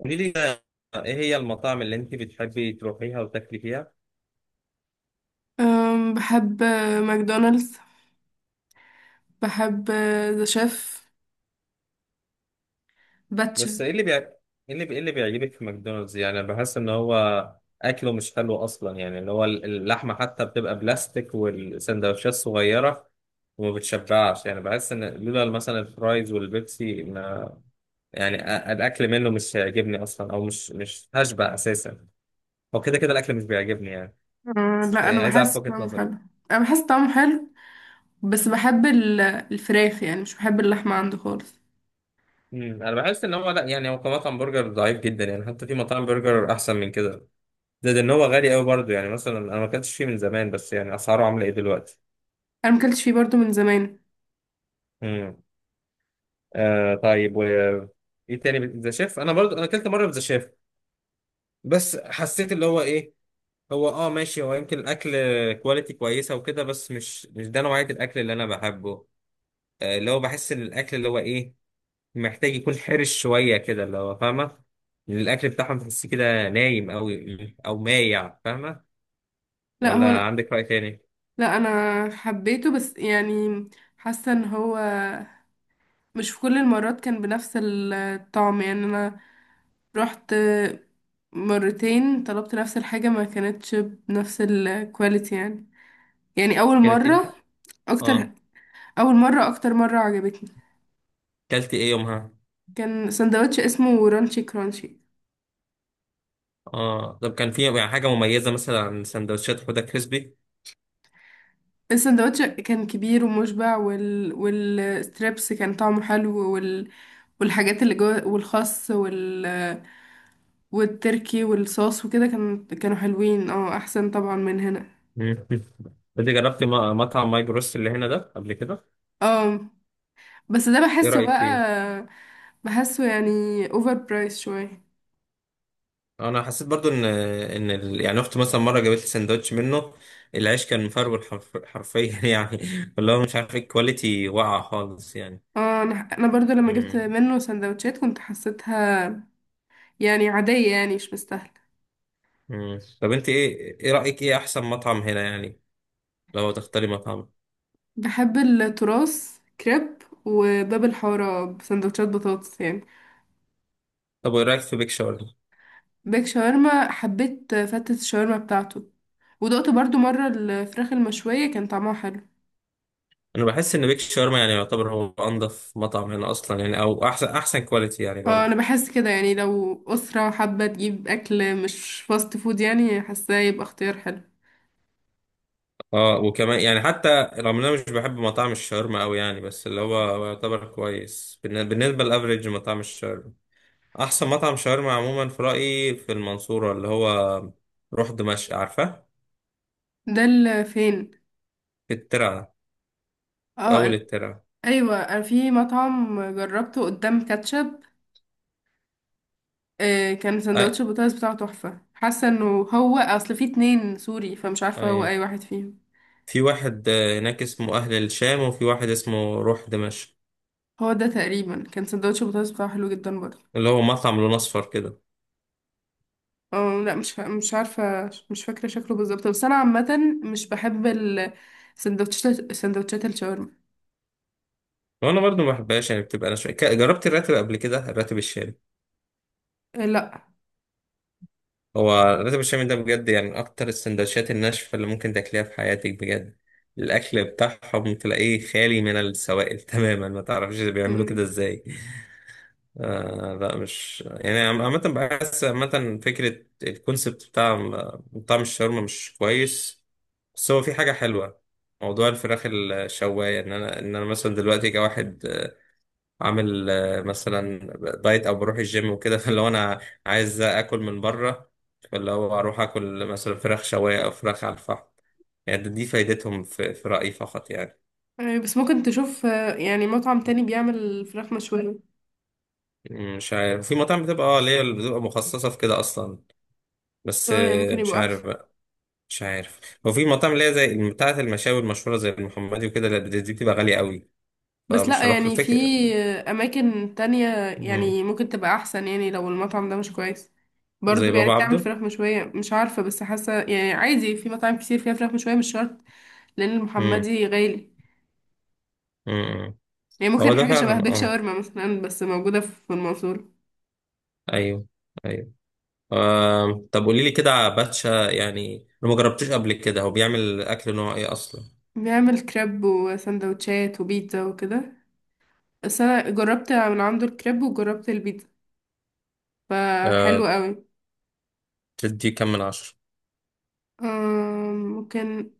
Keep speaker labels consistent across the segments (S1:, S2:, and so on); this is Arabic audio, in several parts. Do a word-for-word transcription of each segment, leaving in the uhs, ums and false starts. S1: قولي لي بقى، ايه هي المطاعم اللي انت بتحبي تروحيها وتاكلي فيها؟
S2: أم، بحب ماكدونالدز. بحب ذا شيف، باتشا.
S1: بس ايه اللي بيع... ايه اللي بي... إيه اللي بيعجبك في ماكدونالدز؟ يعني أنا بحس ان هو اكله مش حلو اصلا، يعني اللي هو ال- اللحمه حتى بتبقى بلاستيك والسندوتشات صغيره وما بتشبعش. يعني بحس ان لولا مثلا الفرايز والبيبسي ما يعني أ- الاكل منه مش هيعجبني اصلا، او مش مش هشبع اساسا. هو كده كده الاكل مش بيعجبني يعني.
S2: أم،
S1: بس
S2: لا،
S1: إيه،
S2: انا
S1: عايز اعرف
S2: بحس
S1: وجهة
S2: طعمه حلو.
S1: نظرك.
S2: انا بحس طعمه حلو، بس بحب ال- الفراخ، يعني مش بحب اللحمه عنده خالص.
S1: مم. انا بحس ان هو لا، يعني هو كمطعم برجر ضعيف جدا يعني، حتى في مطاعم برجر احسن من كده. زائد ان هو غالي قوي برضه، يعني مثلا انا ما اكلتش فيه من زمان بس يعني اسعاره عامله ايه دلوقتي؟
S2: انا مكلتش فيه برضو من زمان.
S1: امم آه طيب، و ايه تاني؟ ذا شيف، انا برضه انا اكلت مره ذا شيف. بس حسيت اللي هو ايه، هو اه ماشي، هو يمكن الاكل كواليتي كويسه وكده بس مش مش ده نوعيه الاكل اللي انا بحبه. آه اللي هو بحس ان الاكل اللي هو ايه، محتاج يكون حرش شوية كده، اللي هو فاهمة. لأن الأكل بتاعهم تحس كده نايم، أو أو مايع فاهمة.
S2: لا، هو
S1: ولا
S2: أنا.
S1: عندك رأي تاني؟
S2: لا، انا حبيته، بس يعني حاسه ان هو مش في كل المرات كان بنفس الطعم. يعني انا رحت مرتين طلبت نفس الحاجه، ما كانتش بنفس الكواليتي يعني. يعني اول
S1: كانت إيه
S2: مره
S1: الحق؟
S2: اكتر.
S1: آه.
S2: اول مره اكتر مره عجبتني.
S1: كلت إيه يومها؟
S2: كان سندوتش اسمه رانشي كرانشي.
S1: آه طب كان في يعني حاجة مميزة مثلا عن سندوتشات حوده كريسبي؟
S2: السندوتش كان كبير ومشبع، وال... والستريبس كان طعمه حلو، وال... والحاجات اللي جوه والخس وال... والتركي والصوص وكده، كان... كانوا حلوين. اه، احسن طبعا من هنا.
S1: مم. انت جربت م- مطعم ماي جروس اللي هنا ده قبل كده؟
S2: اه، بس ده
S1: ايه
S2: بحسه
S1: رأيك
S2: بقى.
S1: فيه؟
S2: بحسه يعني اوفر برايس شويه.
S1: انا حسيت برضو ان ان ال... يعني اختي مثلا مره جابت لي سندوتش منه. العيش كان مفرول حرف... حرفيا يعني، اللي هو مش عارف الكواليتي واقعه خالص يعني.
S2: اه، انا انا برضو لما جبت
S1: مم.
S2: منه سندوتشات كنت حسيتها يعني عاديه، يعني مش مستاهله.
S1: مم. طب انت ايه ايه رأيك ايه احسن مطعم هنا يعني لو تختاري مطعم؟
S2: بحب التراث كريب وباب الحارة بسندوتشات بطاطس يعني.
S1: طب وايه رأيك في بيك شاورما؟
S2: بيك شاورما حبيت فتة الشاورما بتاعته، ودقت برضو مرة الفراخ المشوية كان طعمها حلو.
S1: انا بحس ان بيك شاورما يعني يعتبر هو انضف مطعم هنا اصلا يعني، او احسن، احسن كواليتي يعني
S2: اه،
S1: برضه.
S2: انا بحس كده. يعني لو أسرة حابة تجيب أكل مش فاست فود، يعني حاساه يبقى اختيار حلو.
S1: اه وكمان يعني، حتى رغم ان انا مش بحب مطاعم الشاورما قوي يعني، بس اللي هو هو يعتبر كويس بالن- بالنسبة لافريج مطاعم الشاورما. احسن مطعم شاورما عموما في رأيي في المنصورة اللي هو روح دمشق، عارفة؟
S2: ده ال- فين؟
S1: في الترعة. في
S2: اه
S1: اول
S2: ال-
S1: الترعة.
S2: ايوه، أنا في مطعم جربته قدام كاتشب. آه، كان سندوتش البطاطس بتاعه تحفة. حاسة انه هو اصل في اتنين سوري، فمش عارفة هو
S1: أه.
S2: اي واحد فيهم.
S1: في واحد آه، هناك اسمه أهل الشام، وفي واحد اسمه روح دمشق.
S2: هو ده تقريبا، كان سندوتش بطاطس بتاعه حلو جدا برضه.
S1: اللي هو مطعم لون أصفر كده.
S2: اه لا، مش فا... مش عارفه، مش فاكره شكله بالظبط، بس انا عامه مش بحب السندوتشات، سندوتشات سندوتشات الشاورما.
S1: وأنا برضو ما بحبهاش يعني، بتبقى أنا شوية ك- جربت الراتب قبل كده، الراتب الشامي.
S2: آه، لا.
S1: هو الراتب الشامي ده بجد يعني من أكتر السندوتشات الناشفة اللي ممكن تاكليها في حياتك بجد. الأكل بتاعهم تلاقيه خالي من السوائل تماما، ما تعرفش بيعملوا كده
S2: مم.
S1: إزاي. آه لا، مش يعني عم- عامة بحس، عامة فكرة الكونسبت بتاع طعم الشاورما مش كويس. بس هو في حاجة حلوة، موضوع الفراخ الشواية، ان انا ان انا مثلا دلوقتي كواحد آه، عامل آه، مثلا دايت، او بروح الجيم وكده فلو انا عايز اكل من بره، فلو اروح اكل مثلا فراخ شواية او فراخ على الفحم، يعني دي فايدتهم في في رأيي فقط يعني.
S2: آه، بس ممكن تشوف آه، يعني مطعم تاني بيعمل فراخ مشوية.
S1: مش عارف، في مطاعم بتبقى اه اللي هي اللي بتبقى مخصصة في كده اصلا بس
S2: اه يعني
S1: آه،
S2: ممكن
S1: مش
S2: يبقى احسن.
S1: عارف. مش عارف. هو في مطاعم اللي هي زي بتاعة المشاوي المشهورة زي المحمدي وكده، لا، دي بتبقى غالية قوي
S2: بس
S1: فمش
S2: لا،
S1: هروح
S2: يعني في
S1: الفكرة.
S2: آه، اماكن تانية
S1: مم.
S2: يعني ممكن تبقى احسن. يعني لو المطعم ده مش كويس،
S1: زي
S2: برضو يعني
S1: بابا
S2: بتعمل
S1: عبده.
S2: فراخ مشوية مش عارفة، بس حاسة يعني عادي في مطاعم كتير فيها فراخ مشوية مش شرط. لأن
S1: مم.
S2: المحمدي غالي.
S1: مم.
S2: يعني
S1: هو
S2: ممكن
S1: ده
S2: حاجة شبه
S1: فعلا،
S2: بيك
S1: اه.
S2: شاورما مثلا، بس موجودة في المنصورة.
S1: ايوه. ايوه. آه. طب قولي لي كده على باتشا يعني، انا ما جربتوش قبل كده، هو بيعمل اكل نوع ايه اصلا؟
S2: بيعمل كريب وسندوتشات وبيتزا وكده، بس أنا جربت من عنده الكريب وجربت البيتزا، فحلو
S1: آه.
S2: قوي.
S1: تدي كام من عشرة؟
S2: آم، ممكن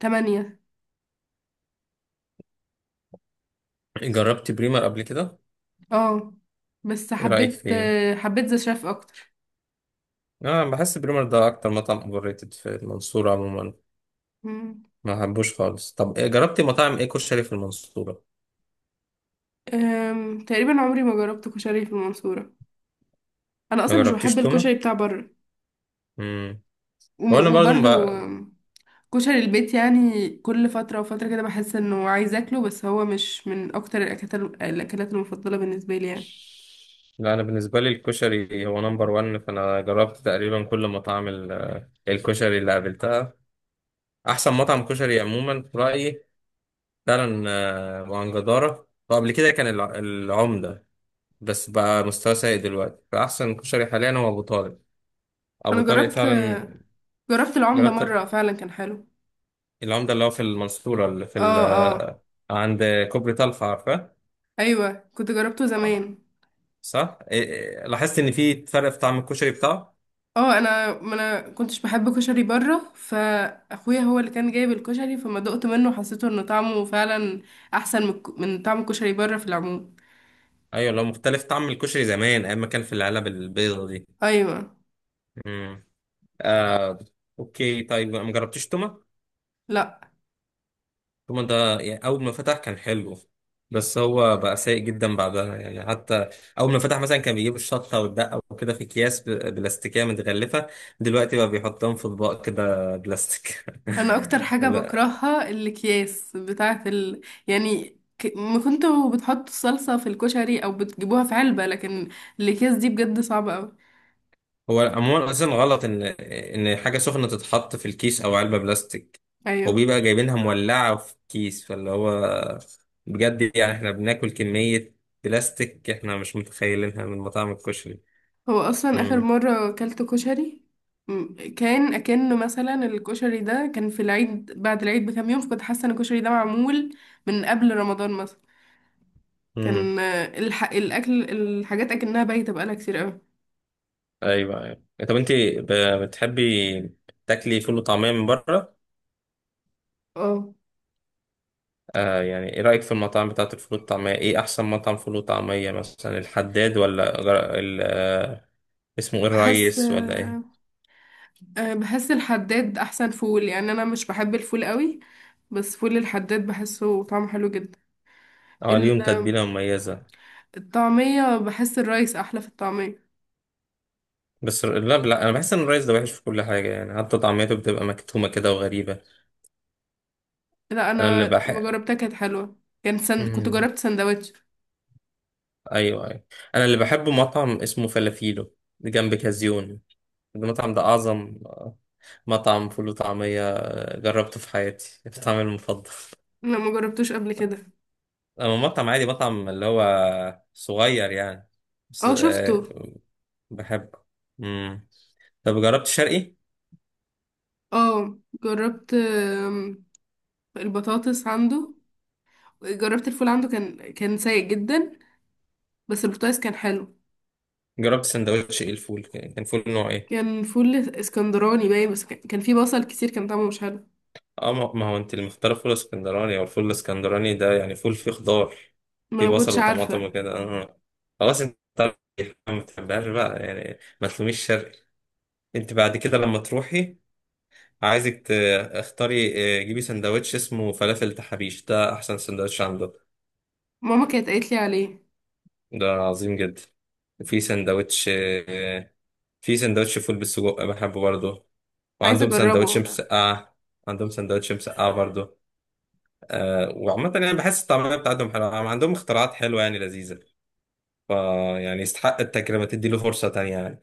S2: تمانية.
S1: جربت بريمر قبل كده؟
S2: اه، بس
S1: ايه رأيك
S2: حبيت.
S1: فيه؟
S2: حبيت ذا شيف أكتر.
S1: اه، بحس بريمر ده اكتر مطعم اوفر ريتد في المنصورة عموما.
S2: مم.
S1: ما بحبوش خالص. طب إيه- جربت مطاعم ايه كشري في المنصورة؟
S2: آم، تقريبا عمري ما جربت كشري في المنصورة. أنا
S1: ما
S2: أصلا مش بحب
S1: جربتيش تومة؟
S2: الكشري بتاع بره.
S1: امم.
S2: وم-
S1: هو انا برضو
S2: وبرضه
S1: بقى...
S2: كشري البيت، يعني كل فترة وفترة كده بحس انه عايز اكله، بس هو مش من اكتر الاكلات الاكلات المفضلة بالنسبة لي يعني.
S1: لا انا بالنسبه لي الكشري هو نمبر واحد، فانا جربت تقريبا كل مطاعم ال- الكشري اللي قابلتها. احسن مطعم كشري عموما في رايي فعلا آه، وعن جداره، وقبل كده كان الع- العمده، بس بقى مستوى سيء دلوقتي فاحسن كشري حاليا هو ابو طارق. ابو
S2: انا
S1: طارق
S2: جربت.
S1: فعلا.
S2: جربت العمدة
S1: جربت
S2: مرة فعلا كان حلو.
S1: العمده اللي هو في المنصوره، اللي في ال...
S2: اه، اه.
S1: آه، عند كوبري طلخه، عارفه؟
S2: ايوه كنت جربته
S1: آه.
S2: زمان.
S1: صح. إيه- إيه، لاحظت ان في فرق في طعم الكشري بتاعه؟
S2: اه، انا ما انا كنتش بحب كشري بره، فاخويا هو اللي كان جايب الكشري، فما دقت منه حسيته انه طعمه فعلا احسن من من طعم الكشري بره في العموم.
S1: ايوه لو مختلف، طعم الكشري زمان ايام ما كان في العلب البيضه دي.
S2: ايوه.
S1: امم. آه. اوكي طيب، ما جربتش توما؟
S2: لا،
S1: توما ده يعني اول ما فتح كان حلو، بس هو بقى سيء جدا بعدها يعني. حتى اول ما فتح مثلا كان بيجيب الشطه والدقه وكده في اكياس ب- بلاستيكيه متغلفه، دلوقتي بقى بيحطهم في اطباق كده بلاستيك.
S2: انا اكتر حاجه
S1: لا،
S2: بكرهها الاكياس بتاعه ال... يعني ك... ما كنتوا بتحطوا الصلصه في الكشري او بتجيبوها في علبه، لكن الاكياس دي بجد صعبه قوي.
S1: هو عموما اصلا غلط ان ان حاجه سخنه تتحط في الكيس او علبه بلاستيك،
S2: ايوه.
S1: وبيبقى جايبينها مولعه في كيس، فاللي هو بجد يعني احنا بناكل كميه بلاستيك احنا مش متخيلينها من مطاعم الكشري.
S2: هو اصلا اخر
S1: امم.
S2: مره اكلت كشري م- كان اكنه مثلا الكشري ده كان في العيد، بعد العيد بكام يوم، فكنت حاسه ان الكشري ده معمول من قبل رمضان مثلا.
S1: امم.
S2: كان آه، الح... الاكل، الحاجات اكنها بايته بقالها كتير قوي.
S1: ايوه، ايوه. طب انت ب- بتحبي تاكلي فول وطعميه من بره؟
S2: اه،
S1: آه يعني ايه رايك في المطاعم بتاعه الفول والطعميه؟ ايه احسن مطعم فول وطعميه، مثلا الحداد ولا غر... ال... آه، اسمه ايه،
S2: بحس.
S1: الريس، ولا ايه؟
S2: أه، بحس الحداد احسن فول. يعني انا مش بحب الفول قوي، بس فول الحداد بحسه طعمه حلو جدا.
S1: اه،
S2: ال-
S1: ليهم تتبيله مميزه.
S2: الطعمية بحس الرايس احلى في الطعمية.
S1: بس لا، لا، انا بحس ان الرايس ده وحش في كل حاجه، يعني حتى طعميته بتبقى مكتومه كده وغريبه.
S2: لا،
S1: انا
S2: انا
S1: اللي
S2: ما
S1: بحب،
S2: جربتها، كانت حلوة. كان سند... كنت
S1: امم،
S2: جربت سندوتش.
S1: ايوه، ايوه، انا اللي بحبه مطعم اسمه فلافيلو جنب كازيون. المطعم ده اعظم مطعم فول وطعميه جربته في حياتي، طعمي المفضل.
S2: لا، ما جربتوش قبل كده.
S1: اما مطعم عادي، مطعم اللي هو صغير يعني، بس
S2: اه، شفته.
S1: آه، بحبه. امم. طب جربت شرقي؟
S2: اه، جربت آم، البطاطس عنده. جربت الفول عنده كان كان سيء جدا، بس البطاطس كان حلو.
S1: جربت سندوتش ايه؟ الفول كان فول نوع ايه؟
S2: كان فول اسكندراني باين، بس كان كان فيه بصل كتير، كان طعمه مش حلو.
S1: اه، ما ما هو انت اللي مختاره فول اسكندراني، او الفول الاسكندراني ده يعني فول فيه خضار،
S2: ما
S1: فيه
S2: انا ما
S1: بصل
S2: كنتش
S1: وطماطم
S2: عارفة.
S1: وكده، اه اه. خلاص انت عارف، ما بتحبهاش بقى يعني، ما تلوميش شرقي. انت بعد كده لما تروحي، عايزك تختاري اه، جيبي سندوتش اسمه فلافل تحابيش، ده احسن سندوتش عنده،
S2: ماما كانت قالت لي عليه.
S1: ده عظيم جدا. في سندوتش اه، في سندوتش فول بالسجق بحبه برضه،
S2: عايزة
S1: وعندهم
S2: اجربه
S1: سندوتش
S2: ده.
S1: مسقعة، عندهم سندوتش مسقعة برضه. آه، وعامة يعني بحس الطعمية بتاعتهم حلوة، عم- عندهم اختراعات حلوة يعني لذيذة، فا يعني يستحق التجربة، تدي له فرصة تانية يعني.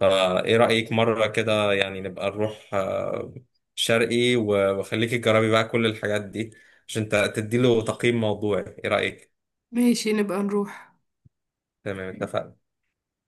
S1: فا ايه رأيك مرة كده يعني نبقى نروح آه، شرقي، و- وخليكي تجربي بقى كل الحاجات دي، عشان تدي له تقييم موضوعي، ايه رأيك؟
S2: ماشي، نبقى نروح.
S1: تمام، اتفقنا.